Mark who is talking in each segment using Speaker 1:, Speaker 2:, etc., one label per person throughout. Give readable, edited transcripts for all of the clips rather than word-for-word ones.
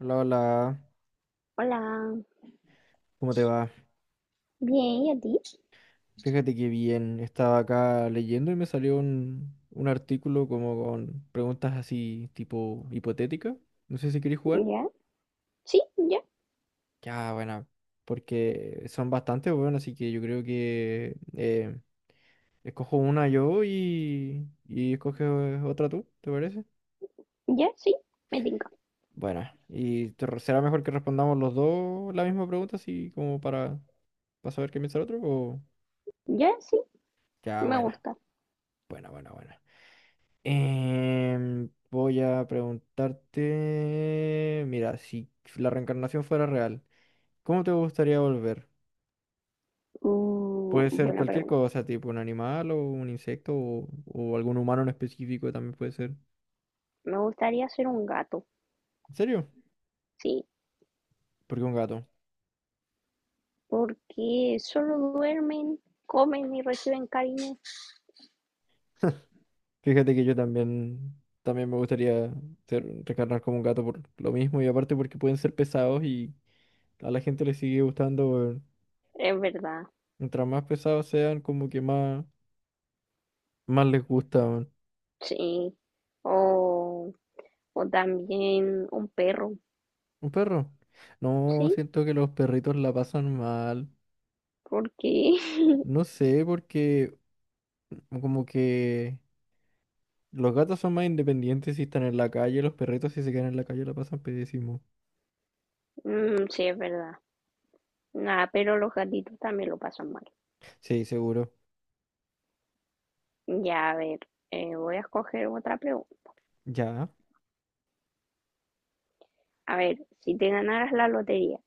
Speaker 1: Hola, hola,
Speaker 2: Hola,
Speaker 1: ¿cómo te va?
Speaker 2: bien, ¿y a ti?
Speaker 1: Fíjate que bien, estaba acá leyendo y me salió un artículo como con preguntas así tipo hipotética. No sé si queréis jugar.
Speaker 2: ¿Ya? Sí, ya,
Speaker 1: Ya, bueno, porque son bastante buenas, así que yo creo que escojo una yo y escoges otra tú, ¿te parece?
Speaker 2: ya, sí, me tinca.
Speaker 1: Bueno, y será mejor que respondamos los dos la misma pregunta, así como para saber qué piensa el otro, o...
Speaker 2: Ya, sí,
Speaker 1: Ya,
Speaker 2: me
Speaker 1: buena,
Speaker 2: gusta.
Speaker 1: buena, buena, buena. Voy a preguntarte, mira, si la reencarnación fuera real, ¿cómo te gustaría volver?
Speaker 2: Uh,
Speaker 1: Puede ser
Speaker 2: buena
Speaker 1: cualquier
Speaker 2: pregunta.
Speaker 1: cosa, tipo un animal o un insecto o algún humano en específico también puede ser.
Speaker 2: Me gustaría ser un gato,
Speaker 1: ¿En serio?
Speaker 2: sí,
Speaker 1: Porque un gato.
Speaker 2: porque solo duermen, comen y reciben cariño.
Speaker 1: Fíjate que yo también, también me gustaría ser, reencarnar como un gato por lo mismo y aparte porque pueden ser pesados y a la gente le sigue gustando, weón.
Speaker 2: Es verdad,
Speaker 1: Mientras más pesados sean, como que más, más les gusta, weón.
Speaker 2: sí. O, o también un perro,
Speaker 1: ¿Un perro? No,
Speaker 2: sí,
Speaker 1: siento que los perritos la pasan mal.
Speaker 2: porque
Speaker 1: No sé, porque como que los gatos son más independientes si están en la calle, los perritos si se quedan en la calle la pasan pésimo.
Speaker 2: mm, sí, es verdad. Nada, pero los gatitos también lo pasan mal.
Speaker 1: Sí, seguro.
Speaker 2: Ya, a ver, voy a escoger otra pregunta.
Speaker 1: Ya,
Speaker 2: A ver, si te ganaras la lotería,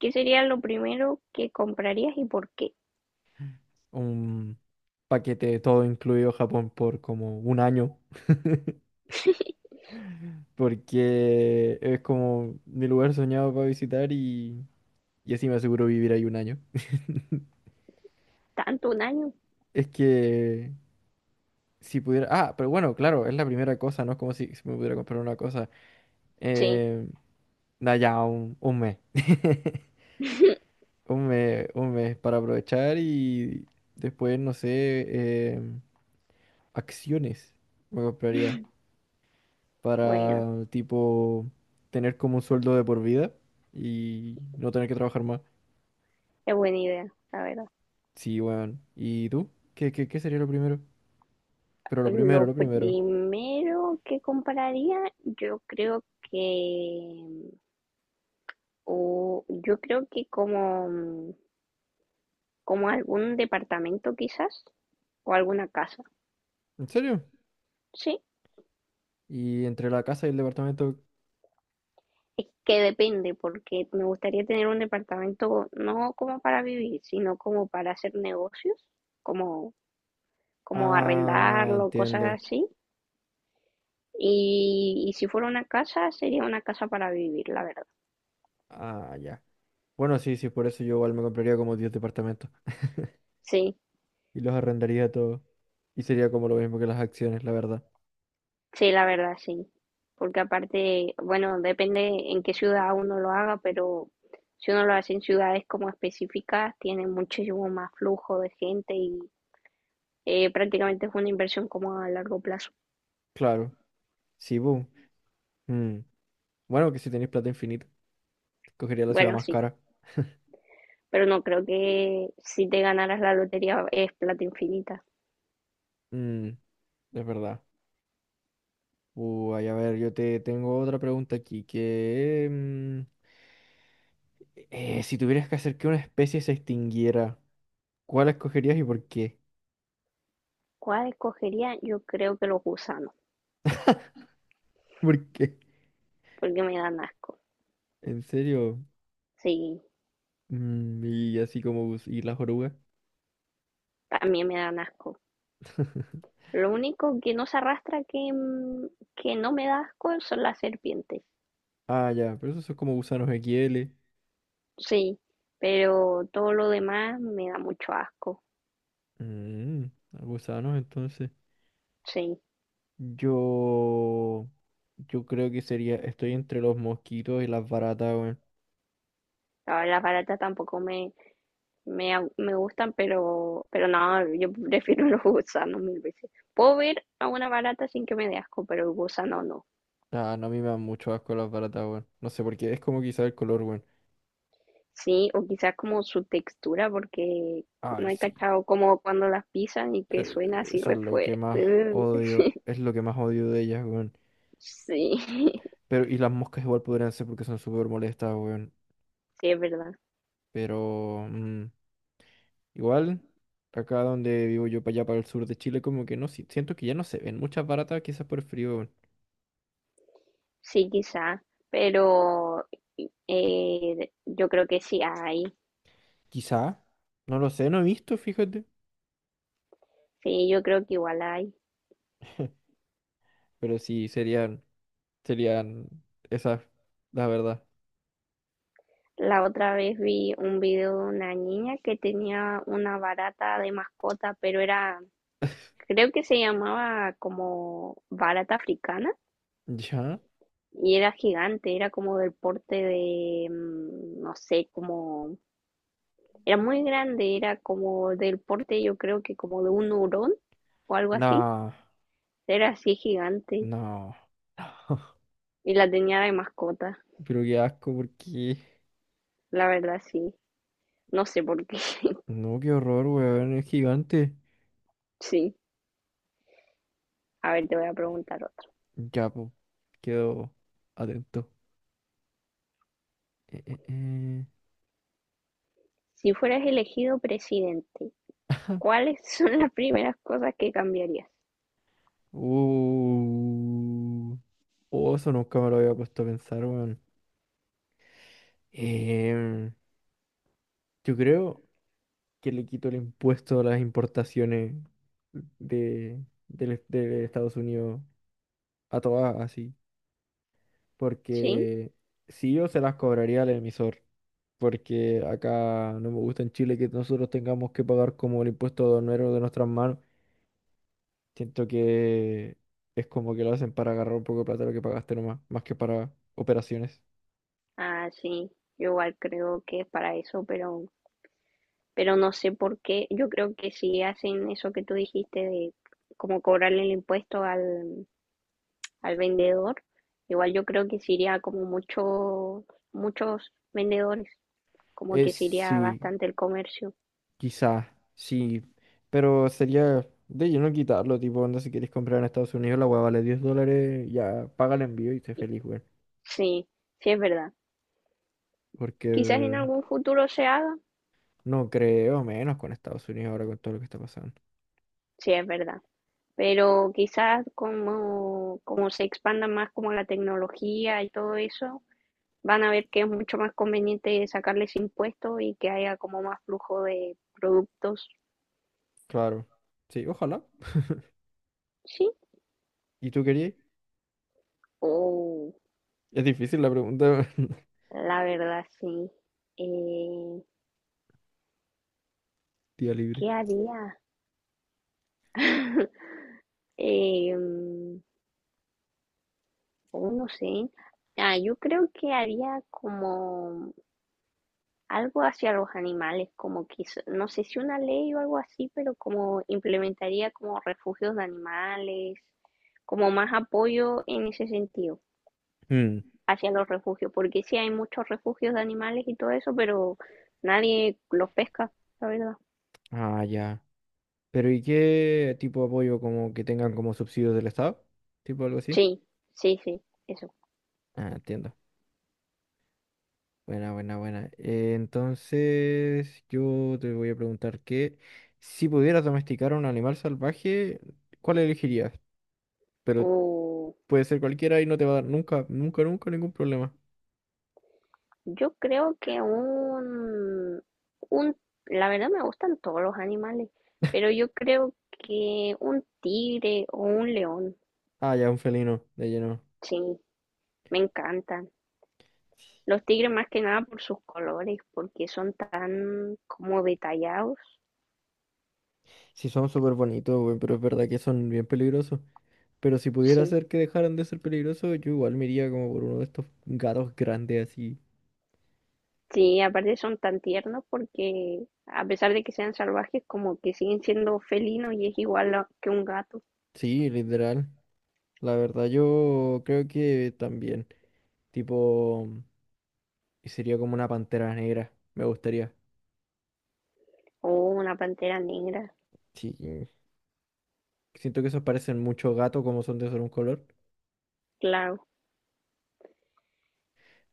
Speaker 2: ¿qué sería lo primero que comprarías y por qué?
Speaker 1: un paquete de todo incluido Japón por como un año. Porque es como mi lugar soñado para visitar y así me aseguro vivir ahí un año.
Speaker 2: ¿Tanto un año?
Speaker 1: Es que si pudiera. Ah, pero bueno, claro, es la primera cosa, ¿no? Es como si, si me pudiera comprar una cosa.
Speaker 2: Sí,
Speaker 1: Eh, da ya un mes. Un mes para aprovechar y después, no sé, eh, acciones me compraría
Speaker 2: bueno,
Speaker 1: para, tipo, tener como un sueldo de por vida y no tener que trabajar más.
Speaker 2: es buena idea, la verdad.
Speaker 1: Sí, weón. ¿Y tú? ¿Qué sería lo primero? Pero lo primero,
Speaker 2: Lo
Speaker 1: lo primero.
Speaker 2: primero que compraría, yo creo que, o yo creo que como algún departamento quizás, o alguna casa,
Speaker 1: ¿En serio?
Speaker 2: sí.
Speaker 1: ¿Y entre la casa y el departamento?
Speaker 2: Es que depende, porque me gustaría tener un departamento no como para vivir, sino como para hacer negocios, como como
Speaker 1: Ah,
Speaker 2: arrendarlo, cosas
Speaker 1: entiendo.
Speaker 2: así. Y si fuera una casa, sería una casa para vivir, la verdad.
Speaker 1: Ah, ya. Bueno, sí, sí, por eso yo igual me compraría como 10 departamentos
Speaker 2: Sí,
Speaker 1: y los arrendaría todos. Y sería como lo mismo que las acciones, la verdad.
Speaker 2: sí, la verdad, sí. Porque aparte, bueno, depende en qué ciudad uno lo haga, pero si uno lo hace en ciudades como específicas, tiene muchísimo más flujo de gente y prácticamente es una inversión como a largo plazo.
Speaker 1: Claro. Sí, boom. Mm. Bueno, que si tenéis plata infinita, cogería la ciudad
Speaker 2: Bueno,
Speaker 1: más
Speaker 2: sí,
Speaker 1: cara.
Speaker 2: pero no creo que si te ganaras la lotería es plata infinita.
Speaker 1: Mm, es verdad. Uy, a ver, yo te tengo otra pregunta aquí, que... si tuvieras que hacer que una especie se extinguiera, ¿cuál escogerías y por qué?
Speaker 2: ¿Cuál escogería? Yo creo que los gusanos,
Speaker 1: ¿Por qué?
Speaker 2: porque me dan asco.
Speaker 1: ¿En serio?
Speaker 2: Sí,
Speaker 1: Mm, y así como... ¿Y las orugas?
Speaker 2: también me dan asco. Lo único que no se arrastra que no me da asco son las serpientes.
Speaker 1: Ah, ya, pero esos son como gusanos XL.
Speaker 2: Sí, pero todo lo demás me da mucho asco.
Speaker 1: Mm, gusanos, entonces.
Speaker 2: Sí,
Speaker 1: Yo, yo creo que sería, estoy entre los mosquitos y las baratas, weón.
Speaker 2: las baratas tampoco me gustan, pero no, yo prefiero los gusanos mil veces. Puedo ver a una barata sin que me dé asco, pero el gusano no.
Speaker 1: Ah, no, a mí me dan mucho asco las baratas, weón. No sé por qué, es como quizá el color, weón.
Speaker 2: Sí, o quizás como su textura, porque no
Speaker 1: Ay,
Speaker 2: he
Speaker 1: sí.
Speaker 2: cachado como cuando las pisan y que suena
Speaker 1: eh,
Speaker 2: así
Speaker 1: Eso es
Speaker 2: re
Speaker 1: lo que
Speaker 2: fuerte.
Speaker 1: más odio, es lo que más odio de ellas, weón.
Speaker 2: Sí,
Speaker 1: Pero, y las moscas igual podrían ser porque son súper molestas, weón.
Speaker 2: sí, es verdad.
Speaker 1: Pero, mm, igual, acá donde vivo yo, para allá, para el sur de Chile, como que no, siento que ya no se ven muchas baratas, quizás por el frío, weón.
Speaker 2: Sí, quizá, pero yo creo que sí hay,
Speaker 1: Quizá, no lo sé, no he visto, fíjate,
Speaker 2: sí, yo creo que igual hay.
Speaker 1: pero sí serían, serían esas, la verdad.
Speaker 2: La otra vez vi un video de una niña que tenía una barata de mascota, pero era, creo que se llamaba como barata africana
Speaker 1: ¿Ya?
Speaker 2: y era gigante, era como del porte de, no sé, como, era muy grande, era como del porte, yo creo que como de un hurón o algo así,
Speaker 1: No,
Speaker 2: era así gigante
Speaker 1: no, no.
Speaker 2: y la tenía de mascota.
Speaker 1: Pero qué asco, porque...
Speaker 2: La verdad sí, no sé por qué.
Speaker 1: No, qué horror, weón, es gigante.
Speaker 2: Sí, a ver, te voy a preguntar otra.
Speaker 1: Ya, po, quedo atento. Eh, eh, eh.
Speaker 2: Si fueras elegido presidente, ¿cuáles son las primeras cosas que cambiarías?
Speaker 1: Uh. Oh, eso nunca me lo había puesto a pensar, weón. Em, yo creo. Que le quitó el impuesto a las importaciones de, de Estados Unidos a todas así.
Speaker 2: ¿Sí?
Speaker 1: Porque si yo se las cobraría al emisor, porque acá no me gusta en Chile que nosotros tengamos que pagar como el impuesto aduanero de nuestras manos. Siento que es como que lo hacen para agarrar un poco de plata lo que pagaste nomás, más que para operaciones.
Speaker 2: Ah, sí, yo igual creo que es para eso, pero no sé por qué. Yo creo que si hacen eso que tú dijiste de como cobrarle el impuesto al vendedor, igual yo creo que se iría como muchos vendedores, como
Speaker 1: Es
Speaker 2: que se iría
Speaker 1: sí.
Speaker 2: bastante el comercio.
Speaker 1: Quizás, sí, pero sería de lleno quitarlo, tipo, onda, si quieres comprar en Estados Unidos, la hueá vale 10 dólares, ya paga el envío y esté feliz, güey.
Speaker 2: Sí, sí es verdad. Quizás en
Speaker 1: Porque
Speaker 2: algún futuro se haga,
Speaker 1: no creo, menos con Estados Unidos ahora con todo lo que está pasando.
Speaker 2: sí, es verdad, pero quizás como, se expanda más como la tecnología y todo eso, van a ver que es mucho más conveniente sacarles impuestos y que haya como más flujo de productos,
Speaker 1: Claro, sí, ojalá.
Speaker 2: sí,
Speaker 1: ¿Y tú querías?
Speaker 2: o
Speaker 1: Es difícil la pregunta,
Speaker 2: la verdad sí. Eh,
Speaker 1: día libre.
Speaker 2: ¿Qué haría? eh, oh, no sé. Ah, yo creo que haría como algo hacia los animales, como quizá, no sé si una ley o algo así, pero como implementaría como refugios de animales, como más apoyo en ese sentido
Speaker 1: Mm,
Speaker 2: hacia los refugios, porque sí hay muchos refugios de animales y todo eso, pero nadie los pesca, la verdad.
Speaker 1: ah, ya. Pero ¿y qué tipo de apoyo como que tengan como subsidios del Estado? Tipo algo así.
Speaker 2: Sí, sí, sí, eso.
Speaker 1: Ah, entiendo. Buena, buena, buena. Entonces, yo te voy a preguntar que si pudieras domesticar a un animal salvaje, ¿cuál elegirías? Pero
Speaker 2: Uh,
Speaker 1: puede ser cualquiera y no te va a dar nunca, nunca, nunca ningún problema.
Speaker 2: yo creo que un, la verdad me gustan todos los animales, pero yo creo que un tigre o un león,
Speaker 1: Ah, ya, un felino, de lleno.
Speaker 2: sí, me encantan. Los tigres más que nada por sus colores, porque son tan como detallados.
Speaker 1: Sí, son súper bonitos, güey, pero es verdad que son bien peligrosos. Pero si pudiera
Speaker 2: Sí.
Speaker 1: hacer que dejaran de ser peligrosos, yo igual me iría como por uno de estos gatos grandes así.
Speaker 2: Sí, aparte son tan tiernos porque a pesar de que sean salvajes, como que siguen siendo felinos y es igual que un gato
Speaker 1: Sí, literal. La verdad, yo creo que también. Tipo. Y sería como una pantera negra, me gustaría.
Speaker 2: o una pantera negra.
Speaker 1: Sí, siento que esos parecen mucho gato como son de solo un color,
Speaker 2: Claro.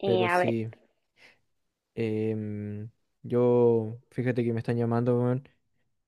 Speaker 2: Eh,
Speaker 1: pero
Speaker 2: a ver.
Speaker 1: sí. Em, yo, fíjate que me están llamando, weón,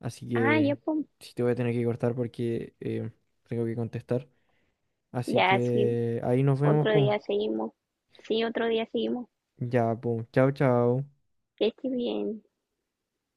Speaker 1: así
Speaker 2: Ah, ya,
Speaker 1: que
Speaker 2: pum.
Speaker 1: sí te voy a tener que cortar porque em, tengo que contestar. Así
Speaker 2: Ya, sí.
Speaker 1: que ahí nos vemos,
Speaker 2: Otro
Speaker 1: pues.
Speaker 2: día seguimos. Sí, otro día seguimos.
Speaker 1: Ya, pues. Chao, chao.
Speaker 2: Que estés bien.